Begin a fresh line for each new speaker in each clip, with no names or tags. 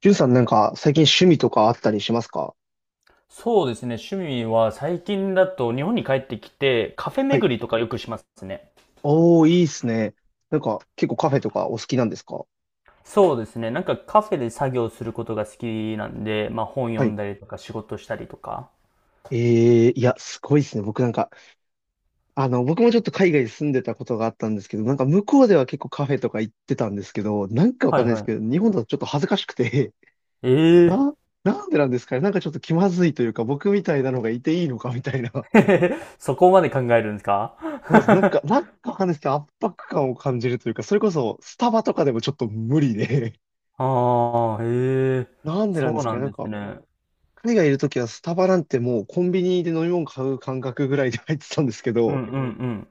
ジュンさんなんか最近趣味とかあったりしますか？
そうですね。趣味は最近だと日本に帰ってきてカフェ
はい。
巡りとかよくしますね。
おー、いいっすね。なんか結構カフェとかお好きなんですか？
そうですね。なんかカフェで作業することが好きなんで、まあ本読
はい。
んだりとか仕事したりとか。
いや、すごいっすね。僕なんか、僕もちょっと海外に住んでたことがあったんですけど、なんか向こうでは結構カフェとか行ってたんですけど、なんかわ
は
か
い
んないです
はい。
けど、日本だとちょっと恥ずかしくて、
え え
な、なんでなんですかね。なんかちょっと気まずいというか、僕みたいなのがいていいのかみたいな。
ー そこまで考えるんですか？
そうなんです。なんか、なんかわかんないですけど、圧迫感を感じるというか、それこそスタバとかでもちょっと無理で、
ああ、へえ、
なんでな
そ
んで
う
すか
な
ね。
ん
なん
です
か、
ね。
海外いるときはスタバなんてもうコンビニで飲み物買う感覚ぐらいで入ってたんですけ
うんう
ど、
ん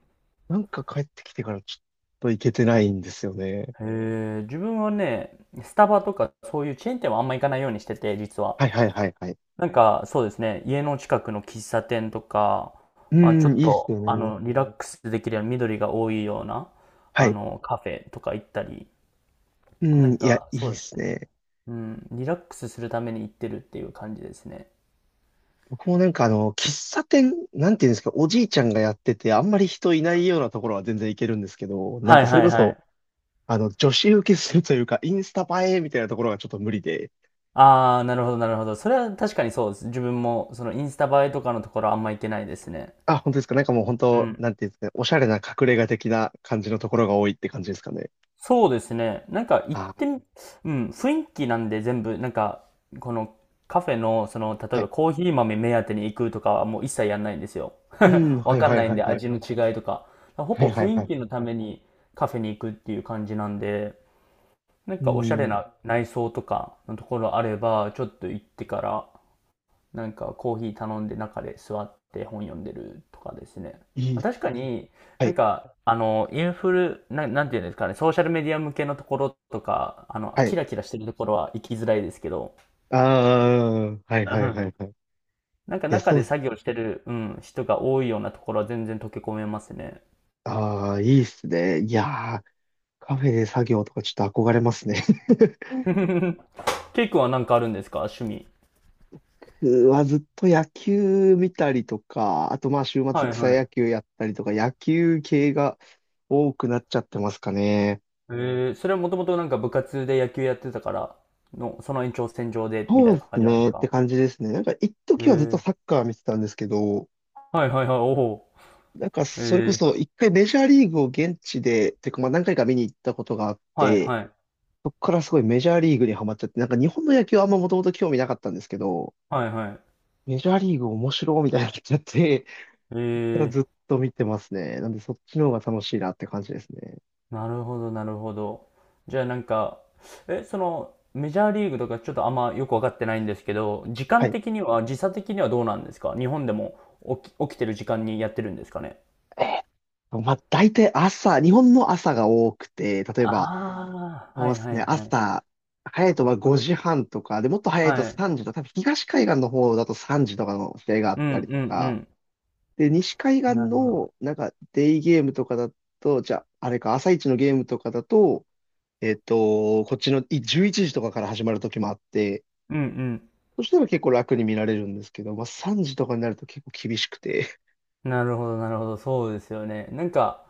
なんか帰ってきてからちょっと行けてないんですよね。
うん。へえ、自分はね、スタバとかそういうチェーン店はあんま行かないようにしてて、実は。
はいはいはいはい。
なんか、そうですね。家の近くの喫茶店とか、
う
まあ、ちょ
ん、
っ
いいっすよ
と、
ね。
リラックスできるような緑が多いような、
はい。
カフェとか行ったり、
う
な
ん、
ん
いや、
か、
いい
そ
っ
うです
す
ね。
ね。
うん、リラックスするために行ってるっていう感じですね。
僕もなんか喫茶店、なんていうんですか、おじいちゃんがやってて、あんまり人いないようなところは全然行けるんですけど、なん
はい
かそれ
はい
こ
は
そ、
い。
女子受けするというか、インスタ映えみたいなところがちょっと無理で、
ああ、なるほどなるほど。それは確かにそうです。自分も、そのインスタ映えとかのところあんま行けないですね。
あ、本当ですか。なんかもう本
う
当、
ん、
なんていうんですかね、おしゃれな隠れ家的な感じのところが多いって感じですかね。
そうですね。なんか行って
あ
み、うん、雰囲気なんで全部、なんか、このカフェの、
ー、
例
は
えば
い。
コーヒー豆目当てに行くとかはもう一切やんないんですよ。
うん、は
わ
い
かん
はい
ない
は
ん
い
で
はい。
味の違いとか。ほ
はい
ぼ
はい
雰
は
囲
い。
気のためにカフェに行くっていう感じなんで、なん
う
かおしゃれ
ん、
な内装とかのところあれば、ちょっと行ってからなんかコーヒー頼んで中で座って本読んでるとかですね。
いい
ま
っ
あ、
す。
確かに
は
なん
い、
かあのインフルな、なんていうんですかね、ソーシャルメディア向けのところとか、
は
キ
い。
ラキラしてるところは行きづらいですけど、
ああ、はい
う
はい
ん、
はいはい。い
なんか
や、
中
そ
で
うです。
作業してる、うん、人が多いようなところは全然溶け込めますね。
ああ、いいっすね。いやー、カフェで作業とかちょっと憧れますね。
ケイ君はなんかあるんですか趣味。
うわ、ずっと野球見たりとか、あとまあ週末
はい
草
は
野
い。
球やったりとか、野球系が多くなっちゃってますかね。
えー、それはもともとなんか部活で野球やってたからの、その延長線上でみた
そ
い
う
な
です
感じなんで
ね
す
って
か？
感じですね。なんか一
え
時はずっと
ー、
サッカー見てたんですけど、
はいはいはい、おお。
なんか、
え
それこ
ー、
そ、一回メジャーリーグを現地で、てか、まあ何回か見に行ったことがあっ
はい
て、
はい。
そこからすごいメジャーリーグにハマっちゃって、なんか日本の野球はあんまもともと興味なかったんですけど、
はいはい。
メジャーリーグ面白いみたいになっちゃって、それからずっ
え
と見てますね。なんでそっちの方が楽しいなって感じですね。
ー、なるほどなるほど。じゃあなんか、え、その、メジャーリーグとかちょっとあんまよくわかってないんですけど、時
は
間
い。
的には、時差的にはどうなんですか日本でも起きてる時間にやってるんですかね？
えーっまあ大体朝、日本の朝が多くて、例え
あ
ば、
あー、は
そう
い
です
は
ね、
いはい。
朝、早いとまあ5時半とか、で、もっと早いと
はい。
3時とか、多分東海岸の方だと3時とかの試合があ
う
った
ん
りと
う
か、
ん
で、西海
うん。
岸
なるほど。
の、なんか、デイゲームとかだと、じゃあ、あれか、朝一のゲームとかだと、こっちの11時とかから始まる時もあって、
うん
そしたら結構楽に見られるんですけど、まあ、3時とかになると結構厳しくて、
うん。なるほどなるほど。そうですよね。なんか、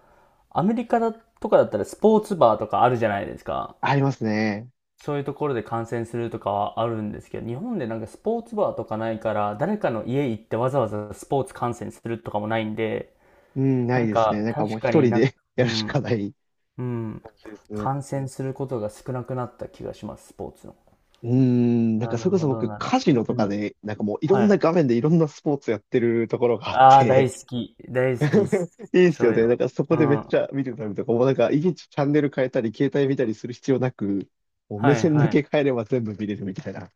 アメリカだとかだったらスポーツバーとかあるじゃないですか。
ありますね。
そういうところで観戦するとかはあるんですけど、日本でなんかスポーツバーとかないから、誰かの家行ってわざわざスポーツ観戦するとかもないんで、
うん、な
な
い
ん
ですね。
か
なんかも
確
う
か
一
に
人
なんか、
で
う
やるしか
ん、
ない
うん、
感じですね。
観戦することが少なくなった気がします、スポーツの。
うん、なん
な
かそ
る
れこそ
ほど、
僕、
なるほ
カ
ど。
ジノと
う
か
ん、
で、なんかもういろ
は
んな
い。
画面でいろんなスポーツやってるところがあっ
ああ、大
て、
好き、大好きっ す、
いいっす
そ
よ
ういう
ね。
の。
なんかそこ
うん、
でめっち
は
ゃ見てたりとか、もうなんか、いちいちチャンネル変えたり、携帯見たりする必要なく、もう目
い、
線
は
だ
い。
け変えれば全部見れるみたいな。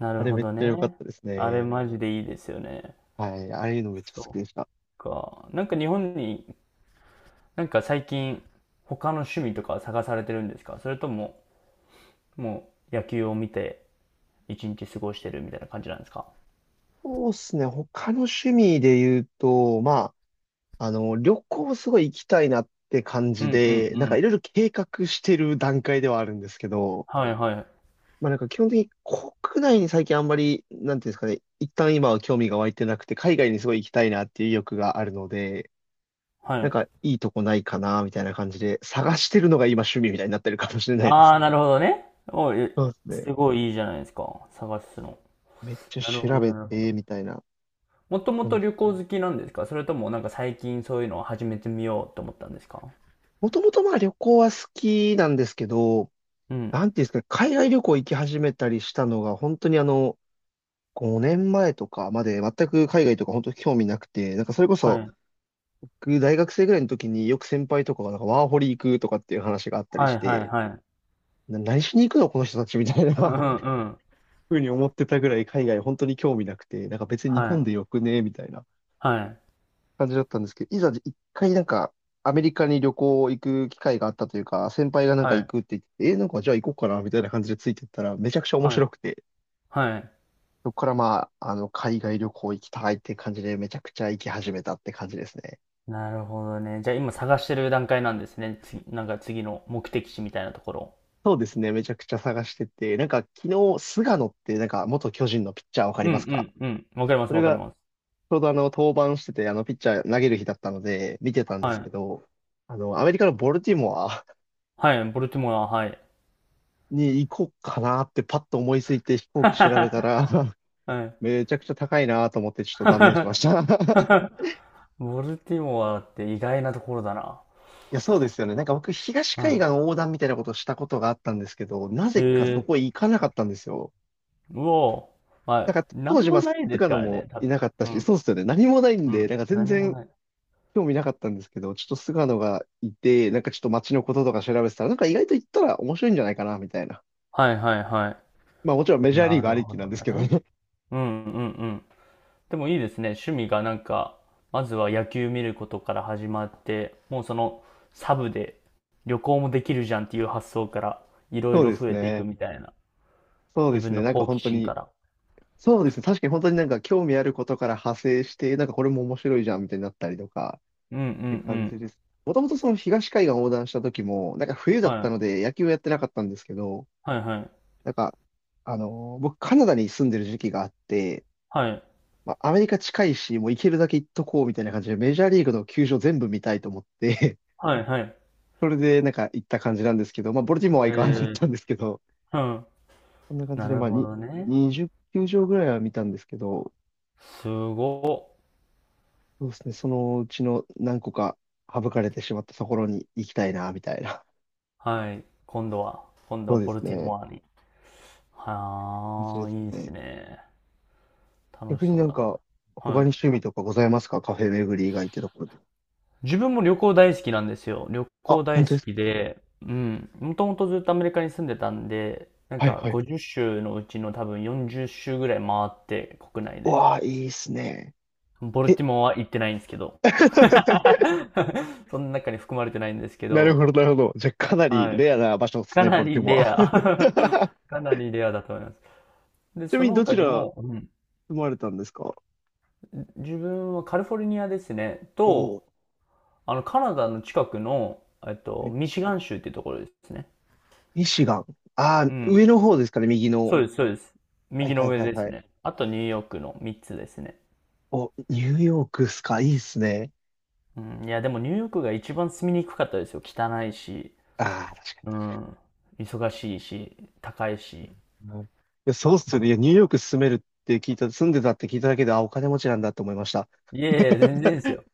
な
あ
る
れ
ほ
めっ
ど
ちゃ良かっ
ね。
たです
あれ
ね。
マジでいいですよね。
はい。ああいうのめっちゃ好き
そっ
でした。
か。なんか日本に、なんか最近、他の趣味とか探されてるんですかそれとも、もう野球を見て一日過ごしてるみたいな感じなんですか？
そうっすね。他の趣味で言うと、まあ、旅行すごい行きたいなって感
うん
じ
うんう
で、なんかい
ん。
ろいろ計画してる段階ではあるんですけど、
はいはい。
まあなんか基本的に国内に最近あんまり、なんていうんですかね、一旦今は興味が湧いてなくて、海外にすごい行きたいなっていう意欲があるので、
は
なん
い。
かいいとこないかな、みたいな感じで、探してるのが今趣味みたいになってるかもしれないで
あ
す。
あ、なるほどね。おい、
そうですね。
すごいいいじゃないですか。探すの。
めっちゃ
なるほ
調
ど、
べ
なるほど。
て、みたいな
もとも
感
と
じ。
旅行好きなんですかそれともなんか最近そういうのを始めてみようと思ったんですか？
もともとまあ旅行は好きなんですけど、
うん。
なんていうんですかね、海外旅行行き始めたりしたのが、本当に5年前とかまで全く海外とか本当に興味なくて、なんかそれこ
は
そ、
い。
僕大学生ぐらいの時によく先輩とかがなんかワーホリ行くとかっていう話があったり
は
し
いはい
て、
はい。
何しに行くのこの人たちみたいな
うんう んうん。
ふうに思ってたぐらい海外本当に興味なくて、なんか別に日
は
本
い。
でよくね、みたいな
はい。
感じだったんですけど、いざ一回なんかアメリカに旅行行く機会があったというか、先輩がなんか
は
行
い。
くって言ってて、なんかじゃあ行こうかな、みたいな感じでついてったらめちゃくちゃ面
はい。
白くて、
はい。
そこからまあ、海外旅行行きたいって感じでめちゃくちゃ行き始めたって感じですね。
なるほどね。じゃあ今探してる段階なんですね。つ、なんか次の目的地みたいなところ。
そうですね、めちゃくちゃ探してて、なんか昨日、菅野ってなんか元巨人のピッチャーわかり
う
ますか？
んうんうん。わかりま
そ
す
れ
わかり
が
ます。
ちょうど登板してて、ピッチャー投げる日だったので、見てたんで
は
すけ
い。
ど、アメリカのボルティモア
はい、ボルティモア、はい。
に行こうかなってパッと思いついて飛行機調べた ら、
はい。
めちゃくちゃ高いなと思ってちょっと断念しました。
ボルティモアって意外なところだな。
いや、そうですよね。なんか僕、東海
は
岸横断みたいなことをしたことがあったんですけど、なぜかそ
い。え
こ
え、
行かなかったんですよ。
うおー。は
なん
い。
か当
何
時、
も
まあ、
ないです
菅野
から
も
ね、多
い
分。
なかった
う
し、
ん。
そうですよね。何もないん
う
で、
ん。
なんか全
何も
然
ない。
興味なかったんですけど、ちょっと菅野がいて、なんかちょっと街のこととか調べてたら、なんか意外と行ったら面白いんじゃないかな、みたいな。
はいはいは
まあもちろんメ
い。
ジャーリ
な
ーグ
る
あり
ほ
きな
ど
んですけど
ね。
ね。
うんうんうん。でもいいですね。趣味がなんか、まずは野球見ることから始まって、もうそのサブで旅行もできるじゃんっていう発想からい ろい
そう
ろ
です
増えていく
ね。
みたいな。
そうで
自
す
分
ね。
の
なんか
好
本
奇
当
心
に、
から。
そうですね。確かに本当になんか興味あることから派生して、なんかこれも面白いじゃん、みたいになったりとか、
うんうんう
って感
ん。
じです。もともとその東海岸横断した時も、なんか冬だ
は
った
い。
ので野球をやってなかったんですけど、
はいはい。
なんか、僕カナダに住んでる時期があって、
はい。
まあ、アメリカ近いし、もう行けるだけ行っとこうみたいな感じで、メジャーリーグの球場全部見たいと思って
はいはい。
それでなんか行った感じなんですけど、まあ、ボルティモアは
え
行かなかっ
ー、
たんですけど、
うん。
こんな感じ
な
で、
る
まあ、
ほどね。
20球場ぐらいは見たんですけど、
すごっ。
そうですね、そのうちの何個か省かれてしまったところに行きたいな、みたいな。
はい。今度は、今 度
そ
は
うで
ボル
す
ティ
ね。
モアに。
感じ
は
で
あ、
す
いいです
ね。
ね。楽し
逆に
そ
な
う
ん
だな。
か、他
は
に
い。
趣味とかございますかカフェ巡り以外ってところで。
自分も旅行大好きなんですよ。旅
あ、
行
本
大
当で
好
すか？
きで、うん。もともとずっとアメリカに住んでたんで、なん
はい
か
はい。
50州のうちの多分40州ぐらい回って国内
う
で。
わあ、いいっすね。
ボル
え
ティモアは行ってないんですけど。その中に含まれてないんですけ
なるほ
ど、
ど、なるほど。じゃあ、かなり
はい。
レアな場所です
か
ね、ボ
な
ルテ
り
モ
レ
ア。
ア。かなりレアだと思います。で、
ちな
そ
みに、
の
ど
他
ち
に
ら
も、うん、
住まれたんですか？
自分はカリフォルニアですね、
おおー、
と、あの、カナダの近くの、えっと、
え
ミシガン州っていうところですね。
ミシガン。ああ、
うん。
上の方ですかね、右の。
そうです、そうです。
はい
右
は
の
い
上
はい
です
はい。
ね。あとニューヨークの3つですね。
お、ニューヨークっすか、いいっすね。
うん、いや、でもニューヨークが一番住みにくかったですよ。汚いし、
ああ、確
う
か
ん、忙しいし、高いし。
にな。いや、そうっすよね。いや、ニューヨーク住めるって聞いた、住んでたって聞いただけで、あ、お金持ちなんだと思いました。
いやいや、全然です よ。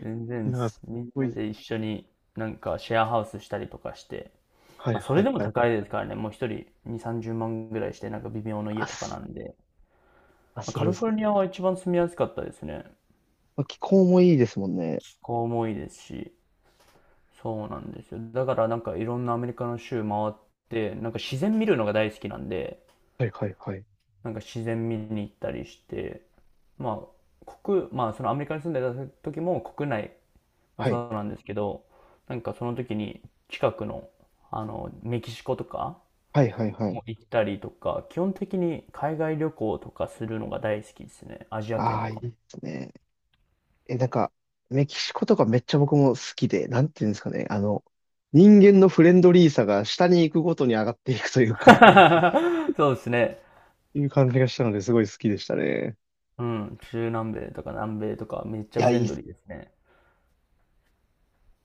全
い
然で
や、
す。
す
みん
ご
な
い。
で一緒になんかシェアハウスしたりとかして、
はい
まあ、そ
は
れ
い
でも
はい。
高いですからね。もう一人2、30万ぐらいして、なんか微妙な家
あ、
とかな
す、
んで。
あ、
まあ、
す
カ
るん
リ
です
フォ
ね。
ルニアは一番住みやすかったですね。
まあ気候もいいですもんね。
気候もいいですし。そうなんですよ。だからなんかいろんなアメリカの州回って、なんか自然見るのが大好きなんで、
はいはいはい。
なんか自然見に行ったりして、まあ、国、まあそのアメリカに住んでた時も国内も
はい。
そうなんですけど、なんかその時に近くの、メキシコとか
はいはいはい。
も行ったりとか、基本的に海外旅行とかするのが大好きですね。アジア圏
ああ、
と
いい
かも。
ですね。え、なんか、メキシコとかめっちゃ僕も好きで、なんていうんですかね。人間のフレンドリーさが下に行くごとに上がっていくというか、
そうですね。
いう感じがしたので、すごい好きでしたね。
うん、中南米とか南米とかめっち
い
ゃ
や、
フレ
いい
ン
っ
ド
す
リー
ね
ですね。